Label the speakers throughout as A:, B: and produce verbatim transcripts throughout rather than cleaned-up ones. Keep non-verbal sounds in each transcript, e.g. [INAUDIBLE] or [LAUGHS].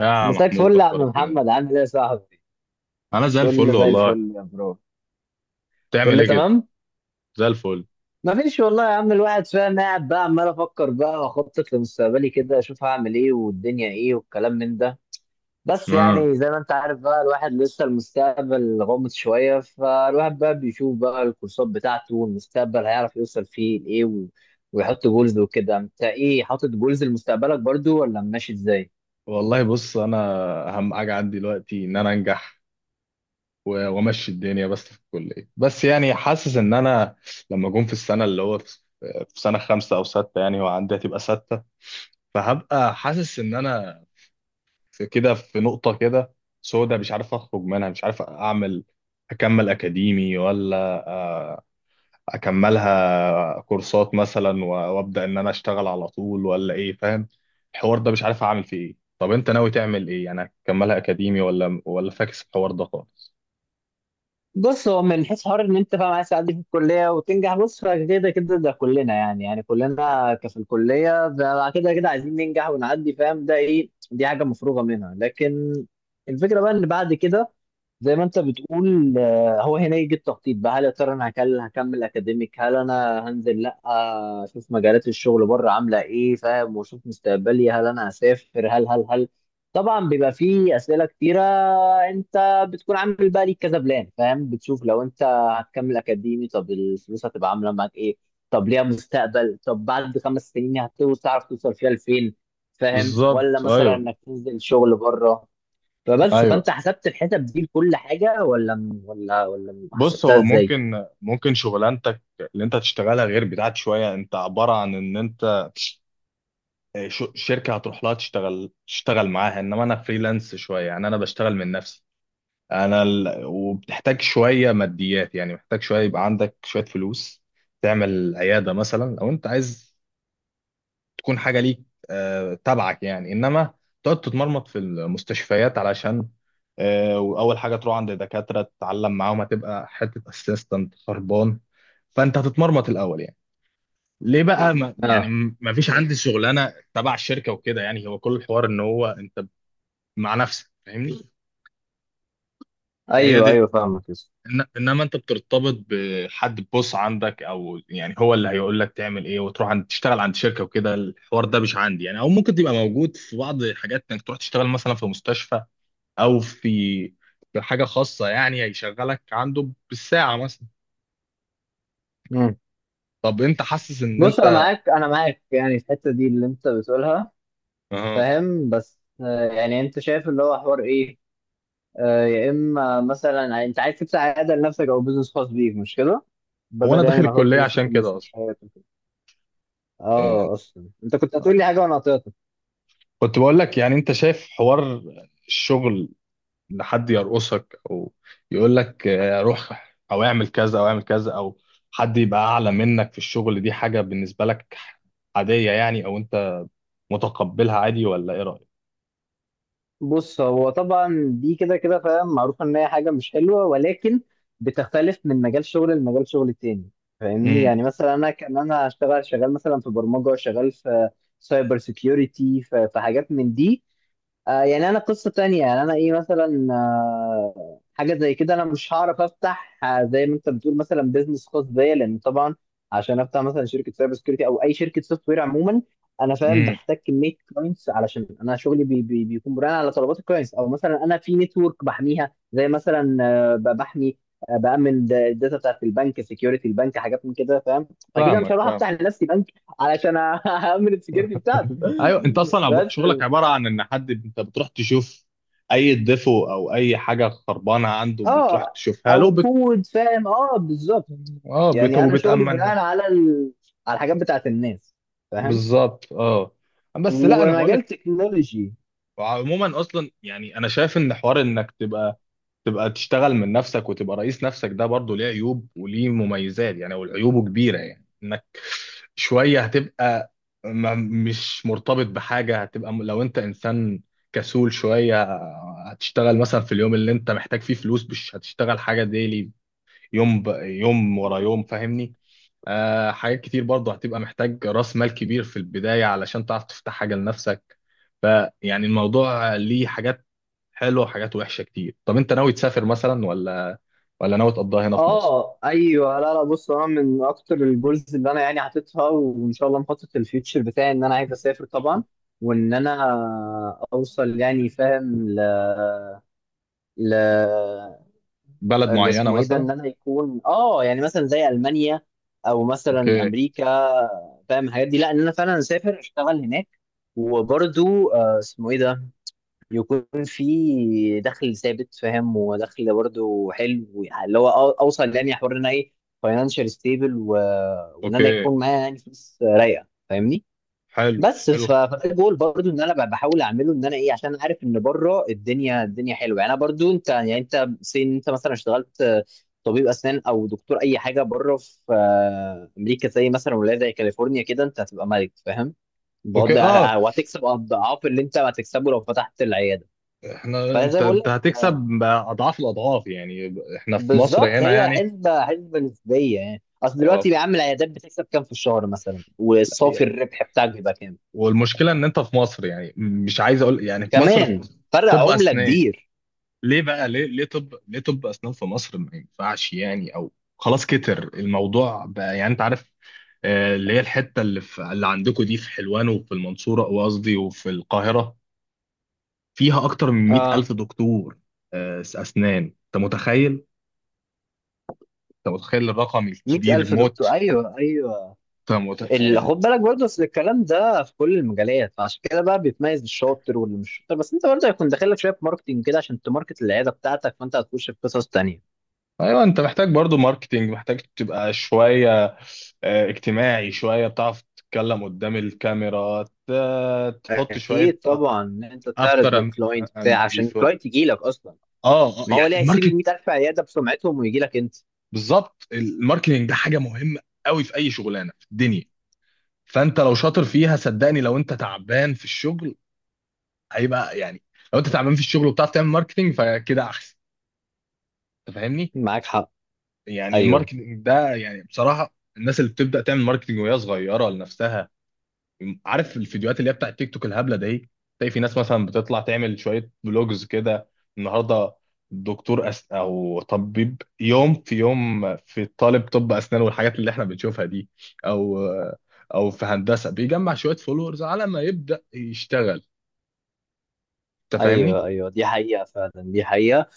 A: يا
B: مساك
A: محمود،
B: فل يا عم
A: اخبارك
B: محمد،
A: ايه؟
B: عامل ايه يا صاحبي؟
A: انا زي
B: كله
A: الفل
B: زي
A: والله.
B: الفل يا برو.
A: بتعمل
B: كله
A: ايه كده؟
B: تمام؟
A: زي الفل.
B: مفيش والله يا عم. الواحد فاهم، قاعد بقى عمال افكر بقى واخطط لمستقبلي كده، اشوف هعمل ايه والدنيا ايه والكلام من ده. بس
A: اه
B: يعني زي ما انت عارف بقى، الواحد لسه المستقبل غامض شوية، فالواحد بقى بيشوف بقى الكورسات بتاعته والمستقبل هيعرف يوصل فيه لايه و... ويحط جولز وكده. انت ايه، حاطط جولز لمستقبلك برضو ولا ماشي ازاي؟
A: والله. بص، انا اهم حاجه عندي دلوقتي ان انا انجح و- وامشي الدنيا بس في الكليه. بس يعني حاسس ان انا لما اكون في السنه اللي هو في، في سنه خمسة او ستة يعني، وعندي هتبقى ستة، فهبقى حاسس ان انا في كده، في نقطه كده سودا، مش عارف اخرج منها، مش عارف اعمل، اكمل اكاديمي ولا آه، اكملها كورسات مثلا، و- وابدا ان انا اشتغل على طول ولا ايه؟ فاهم الحوار ده، مش عارف اعمل فيه ايه. طب انت ناوي تعمل ايه يعني؟ هتكملها اكاديمي ولا ولا فاكس الحوار ده خالص؟
B: بص، هو من حيث حوار ان انت فاهم عايز تعدي في الكليه وتنجح، بص فكده كده ده كلنا، يعني يعني كلنا ك- في الكليه ب- كده كده عايزين ننجح ونعدي، فاهم؟ ده ايه، دي حاجه مفروغه منها. لكن الفكره بقى ان بعد كده، زي ما انت بتقول آه، هو هنا يجي التخطيط بقى. هل يا ترى انا هكل- هكمل اكاديميك، هل انا هنزل لا اشوف مجالات الشغل بره عامله ايه، فاهم؟ واشوف مستقبلي، هل انا هسافر، هل هل هل طبعا بيبقى فيه اسئله كتيره. انت بتكون عامل بقى ليك كذا بلان، فاهم، بتشوف لو انت هتكمل اكاديمي، طب الفلوس هتبقى عامله معاك ايه، طب ليها مستقبل، طب بعد خمس سنين هتوصل، تعرف توصل فيها لفين، فاهم؟ ولا
A: بالظبط،
B: مثلا
A: ايوه،
B: انك تنزل شغل بره. فبس، فانت
A: ايوه.
B: حسبت الحسب دي لكل حاجه، ولا م- ولا ولا م-
A: بص،
B: حسبتها
A: هو
B: ازاي؟
A: ممكن ممكن شغلانتك اللي انت هتشتغلها غير بتاعت شويه. انت عباره عن ان انت ش- شركه هتروح لها تشتغل تشتغل معاها، انما انا فريلانس شويه، يعني انا بشتغل من نفسي. انا ال... وبتحتاج شويه ماديات، يعني محتاج شويه يبقى عندك شويه فلوس تعمل عياده مثلا لو انت عايز تكون حاجه ليك آه، تبعك يعني. انما تقعد تتمرمط في المستشفيات علشان آه، واول حاجه تروح عند دكاتره تتعلم معاهم، هتبقى حته اسيستنت خربان، فانت هتتمرمط الاول يعني. ليه بقى؟ ما يعني
B: اه،
A: ما فيش عندي شغلانه تبع الشركه وكده، يعني هو كل الحوار ان هو انت مع نفسك، فاهمني؟ هي
B: ايوه
A: دي.
B: ايوه فاهمك، يس.
A: إن... انما انت بترتبط بحد بوس عندك، او يعني هو اللي هيقول لك تعمل ايه، وتروح عند تشتغل عند شركه وكده، الحوار ده مش عندي يعني. او ممكن تبقى موجود في بعض حاجات انك تروح تشتغل مثلا في مستشفى، او في في حاجه خاصه يعني هيشغلك عنده بالساعه مثلا.
B: مم.
A: طب انت حاسس ان
B: بص انا
A: انت؟
B: معاك، انا معاك يعني في الحته دي اللي انت بتقولها،
A: أه.
B: فاهم. بس آه، يعني انت شايف اللي هو حوار ايه؟ آه، يا اما مثلا انت عايز تفتح عياده لنفسك او بزنس خاص بيك، مش كده؟
A: هو انا
B: بدل يعني
A: داخل
B: ما تقعد
A: الكليه
B: تلف في
A: عشان كده اصلا،
B: المستشفيات وكده. اه،
A: يعني
B: اصلا انت كنت هتقول لي حاجه وانا قطعتك.
A: كنت بقول لك يعني انت شايف حوار الشغل ان حد يرقصك او يقول لك آه، روح، او اعمل كذا او اعمل كذا، او حد يبقى اعلى منك في الشغل، دي حاجه بالنسبه لك عاديه يعني، او انت متقبلها عادي؟ ولا ايه رايك؟
B: بص، هو طبعا دي كده كده فاهم، معروف ان هي حاجه مش حلوه، ولكن بتختلف من مجال شغل لمجال شغل تاني، فاهمني؟
A: امم.
B: يعني مثلا انا كان انا هشتغل شغال مثلا في برمجه، شغال في سايبر سيكيورتي، في في حاجات من دي. آه يعني انا قصه تانية، يعني انا ايه مثلا آه حاجه زي كده، انا مش هعرف افتح آه زي ما انت بتقول مثلا بيزنس خاص بيا، لان طبعا عشان افتح مثلا شركه سايبر سكيورتي او اي شركه سوفت وير عموما، انا فاهم،
A: امم.
B: بحتاج كميه كلاينتس علشان انا شغلي بي بي بيكون بناء على طلبات الكلاينتس. او مثلا انا في نتورك بحميها، زي مثلا آه ب- بحمي آه بامن الداتا بتاعت البنك، سكيورتي البنك، حاجات من كده، فاهم. فكده مش
A: فاهمك،
B: هروح
A: فاهم.
B: افتح لنفسي بنك علشان [LAUGHS] أ- اامن السكيورتي بتاعته.
A: ايوه، انت
B: [LAUGHS]
A: اصلا عب-
B: بس
A: شغلك عباره عن ان حد انت بتروح تشوف اي ديفو او اي حاجه خربانه عنده، بتروح
B: اه،
A: تشوفها له.
B: او
A: بت...
B: كود، فاهم، اه بالظبط.
A: اه. بت...
B: يعني انا شغلي
A: وبتامنها.
B: بناء على ال... على الحاجات بتاعت الناس، فاهم.
A: بالظبط، اه. بس لا، انا بقول
B: ومجال
A: لك
B: تكنولوجي.
A: عموما، اصلا يعني انا شايف ان حوار انك تبقى تبقى تشتغل من نفسك وتبقى رئيس نفسك، ده برضه ليه عيوب وليه مميزات يعني. والعيوبه كبيرة، يعني انك شوية هتبقى ما مش مرتبط بحاجة، هتبقى م- لو انت انسان كسول شوية، هتشتغل مثلا في اليوم اللي انت محتاج فيه فلوس، مش هتشتغل حاجة ديلي، يوم ب... يوم ورا
B: مم.
A: يوم، فاهمني؟ آه حاجات كتير برضه هتبقى محتاج راس مال كبير في البداية علشان تعرف تفتح حاجة لنفسك. فيعني الموضوع ليه حاجات حلوة وحاجات وحشة كتير. طب انت ناوي تسافر مثلا ولا ولا ناوي تقضيها هنا في مصر؟
B: اه ايوه. لا لا، بص انا من اكتر الجولز اللي انا يعني حاططها وان شاء الله مخطط الفيوتشر بتاعي، ان انا عايز اسافر طبعا، وان انا اوصل يعني فاهم ل... ل...
A: بلد
B: اللي
A: معينة
B: اسمه ايه ده،
A: مثلا؟
B: ان انا يكون اه يعني مثلا زي المانيا او مثلا
A: اوكي.
B: امريكا، فاهم الحاجات دي. لا ان انا فعلا اسافر اشتغل هناك، وبرضو آه، اسمه ايه ده، يكون في دخل ثابت، فاهم، ودخل برضو حلو، يعني اللي هو أو- اوصل يعني حوار ان انا ايه، فاينانشال ستيبل، وان انا
A: اوكي،
B: يكون معايا يعني فلوس رايقه، فاهمني.
A: حلو،
B: بس
A: حلو.
B: ف- فده جول برضو ان انا ب- بحاول اعمله، ان انا ايه عشان أنا عارف ان بره الدنيا الدنيا حلوه. يعني انا برضو انت، يعني انت سين، انت مثلا اشتغلت آه، طبيب اسنان او دكتور اي حاجه بره في آه، امريكا زي مثلا، ولايه زي كاليفورنيا كده انت هتبقى ملك، فاهم، بغض
A: اوكي، اه.
B: آه، وهتكسب اضعاف اللي انت هتكسبه لو فتحت العياده.
A: احنا،
B: فزي
A: انت
B: بقول
A: انت
B: لك
A: هتكسب اضعاف الاضعاف، يعني احنا في مصر
B: بالظبط،
A: هنا
B: هي
A: يعني.
B: حسبه حسبه نسبيه، يعني اصل
A: اه،
B: دلوقتي يا عم العيادات بتكسب كام في الشهر مثلا، والصافي الربح بتاعك بيبقى كام،
A: والمشكله ان انت في مصر يعني مش عايز اقول، يعني في مصر
B: كمان
A: في
B: فرق
A: طب
B: عمله
A: اسنان.
B: كبير.
A: ليه بقى؟ ليه ليه طب ليه طب اسنان في مصر ما ينفعش يعني؟ او خلاص كتر الموضوع بقى يعني، انت عارف آه، اللي هي الحته اللي في اللي عندكم دي، في حلوان وفي المنصوره، وقصدي وفي القاهره، فيها اكتر من مئة ألف
B: اه،
A: دكتور آه، اسنان، انت متخيل؟ انت متخيل الرقم الكبير
B: مية ألف دكتور،
A: موت؟
B: ايوه ايوه.
A: انت
B: ال-
A: متخيل؟
B: خد بالك برضه، اصل الكلام ده في كل المجالات، فعشان كده بقى بيتميز الشاطر واللي مش شاطر، بس انت برضه هيكون داخل لك شويه ماركتنج كده عشان تماركت العياده بتاعتك، فانت هتخش في قصص تانيه.
A: ايوه، انت محتاج برضو ماركتينج، محتاج تبقى شويه آه، اجتماعي شويه، بتعرف تتكلم قدام الكاميرا، ت- تحط شويه
B: اكيد طبعا، ان انت
A: افتر
B: تعرض للكلاينت
A: اند
B: بتاع عشان
A: بيفور.
B: الكلاينت يجي لك اصلا.
A: اه، آه،
B: ما هو
A: يعني
B: ليه هيسيب
A: الماركت.
B: ال ميت ألف عياده بسمعتهم ويجي لك انت؟
A: بالظبط، الماركتينج ده حاجه مهمه قوي في اي شغلانه في الدنيا. فانت لو شاطر فيها صدقني، لو انت تعبان في الشغل هيبقى يعني، لو انت تعبان في الشغل وبتعرف تعمل ماركتينج فكده احسن، انت فاهمني؟
B: معاك حق.
A: يعني
B: ايوه
A: الماركتينج ده يعني بصراحه الناس اللي بتبدا تعمل ماركتينج وهي صغيره لنفسها، عارف الفيديوهات اللي هي بتاعت تيك توك الهبله دي؟ تلاقي في ناس مثلا بتطلع تعمل شويه فلوجز كده النهارده، دكتور أس... او طبيب، يوم في يوم، في طالب طب اسنان، والحاجات اللي احنا بنشوفها دي، او او في هندسه بيجمع شويه فولورز على ما يبدا يشتغل، انت فاهمني؟
B: ايوه ايوه، دي حقيقه فعلا، دي حقيقه.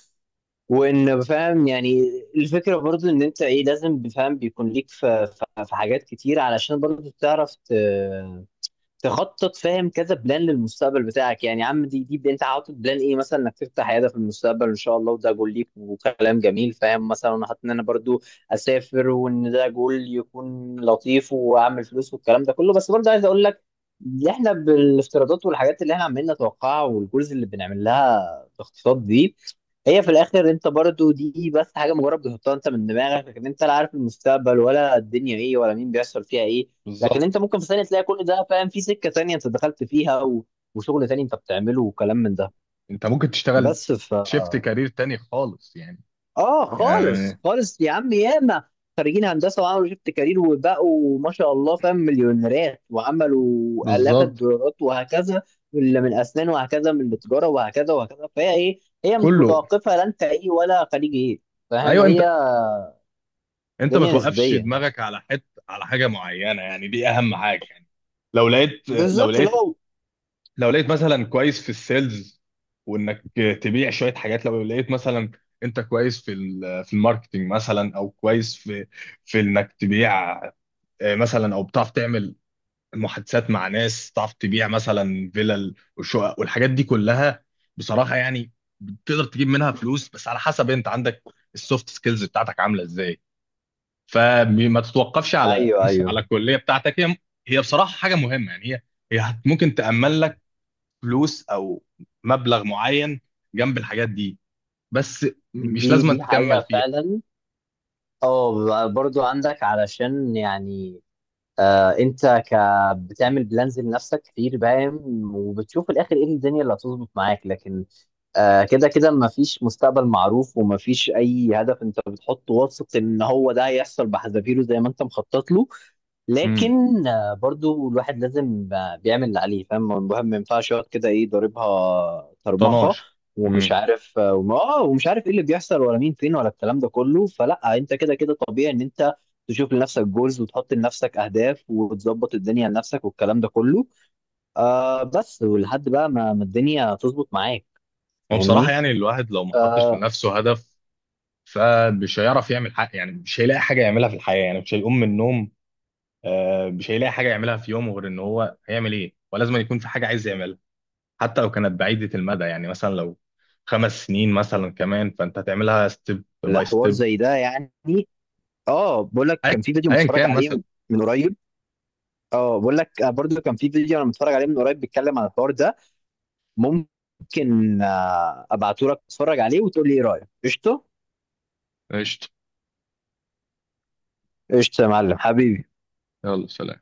B: وان فاهم يعني الفكره برضو ان انت ايه، لازم فاهم بيكون ليك في في في حاجات كتير علشان برضو تعرف ت- تخطط، فاهم، كذا بلان للمستقبل بتاعك، يعني يا عم دي دي بلان. انت حاطط بلان ايه مثلا، انك تفتح عياده في المستقبل ان شاء الله، وده جول ليك، وكلام جميل، فاهم. مثلا انا حاطط ان انا برضو اسافر، وان ده جول يكون لطيف، واعمل فلوس والكلام ده كله. بس برضو عايز اقول لك، اللي احنا بالافتراضات والحاجات اللي احنا عمالين نتوقعها، والجولز اللي بنعمل لها تخطيطات دي، هي في الاخر انت برضو دي بس حاجه مجرد بتحطها انت من دماغك. لكن انت لا عارف المستقبل، ولا الدنيا ايه، ولا مين بيحصل فيها ايه. لكن
A: بالظبط.
B: انت ممكن في ثانيه تلاقي كل ده، فاهم، في سكه تانية انت دخلت فيها و... وشغل تاني انت بتعمله، وكلام من ده.
A: انت ممكن تشتغل
B: بس ف
A: شيفت كارير تاني خالص يعني
B: اه خالص
A: يعني
B: خالص يا عم، ياما خريجين هندسه وعملوا شيفت كارير وبقوا ما شاء الله فاهم مليونيرات، وعملوا الاف
A: بالظبط.
B: الدولارات، وهكذا. اللي من اسنان وهكذا، من التجاره وهكذا وهكذا. فهي ايه، هي مش
A: كله.
B: متوقفه لا انت ايه ولا خريج ايه، فاهم،
A: ايوه،
B: هي
A: انت انت ما
B: الدنيا
A: توقفش
B: نسبيه.
A: دماغك على حت على حاجه معينه يعني، دي اهم حاجه يعني. لو لقيت لو
B: بالظبط
A: لقيت
B: لو.
A: لو لقيت مثلا كويس في السيلز، وانك تبيع شويه حاجات. لو لقيت مثلا انت كويس في ال- في الماركتنج مثلا، او كويس في في انك تبيع آه، مثلا، او بتعرف تعمل محادثات مع ناس، تعرف تبيع مثلا فيلل وشقق والحاجات دي كلها، بصراحه يعني تقدر تجيب منها فلوس، بس على حسب انت عندك السوفت سكيلز بتاعتك عامله ازاي. فما تتوقفش على
B: ايوه
A: [LAUGHS] على
B: ايوه،
A: الكليه بتاعتك، هي هي بصراحه حاجه مهمه يعني، هي هي هت- ممكن تامن لك فلوس او مبلغ معين جنب الحاجات دي، بس مش
B: دي
A: لازم
B: دي
A: تكمل
B: حقيقه
A: فيها.
B: فعلا. اه برضو عندك، علشان يعني آه انت ك بتعمل بلانز لنفسك كتير، باين. وبتشوف في الاخر ايه الدنيا اللي هتظبط معاك. لكن آه كده كده مفيش مستقبل معروف، ومفيش اي هدف انت بتحطه واثق ان هو ده هيحصل بحذافيره زي ما انت مخطط له.
A: امم.
B: لكن آه، برضو الواحد لازم آه، بيعمل اللي عليه، فاهم، الواحد ما ينفعش يقعد كده ايه، ضاربها طرمخه
A: طناش.
B: ومش
A: امم.
B: عارف اه وم- آه، ومش عارف ايه اللي بيحصل ولا مين فين، ولا الكلام ده كله. فلا، انت كده كده طبيعي ان انت تشوف لنفسك جولز وتحط لنفسك اهداف وتظبط الدنيا لنفسك والكلام ده كله. آه بس ولحد بقى ما ما الدنيا تظبط معاك،
A: هو بصراحه
B: فاهمني.
A: يعني الواحد لو ما حطش
B: آه
A: لنفسه هدف فمش هيعرف يعمل حاجه، يعني مش هيلاقي حاجه يعملها في الحياه، يعني مش هيقوم من النوم. آه، مش هيلاقي حاجه يعملها في يومه، غير ان هو هيعمل ايه، ولازم يكون في حاجه عايز يعملها، حتى لو كانت بعيدة المدى. يعني مثلا لو خمس سنين مثلا كمان، فانت هتعملها ستيب باي
B: الحوار
A: ستيب.
B: زي ده يعني. اه بقول لك
A: ايا
B: كان في فيديو
A: أياً
B: متفرج
A: كان مثلا.
B: عليه من قريب. اه بقول لك آه، برضو كان في فيديو انا متفرج عليه من قريب، بيتكلم عن الحوار ده. ممكن ابعته لك تتفرج عليه وتقول لي ايه رايك، قشطه؟
A: قشطة.
B: قشطه يا معلم حبيبي.
A: يلا، سلام.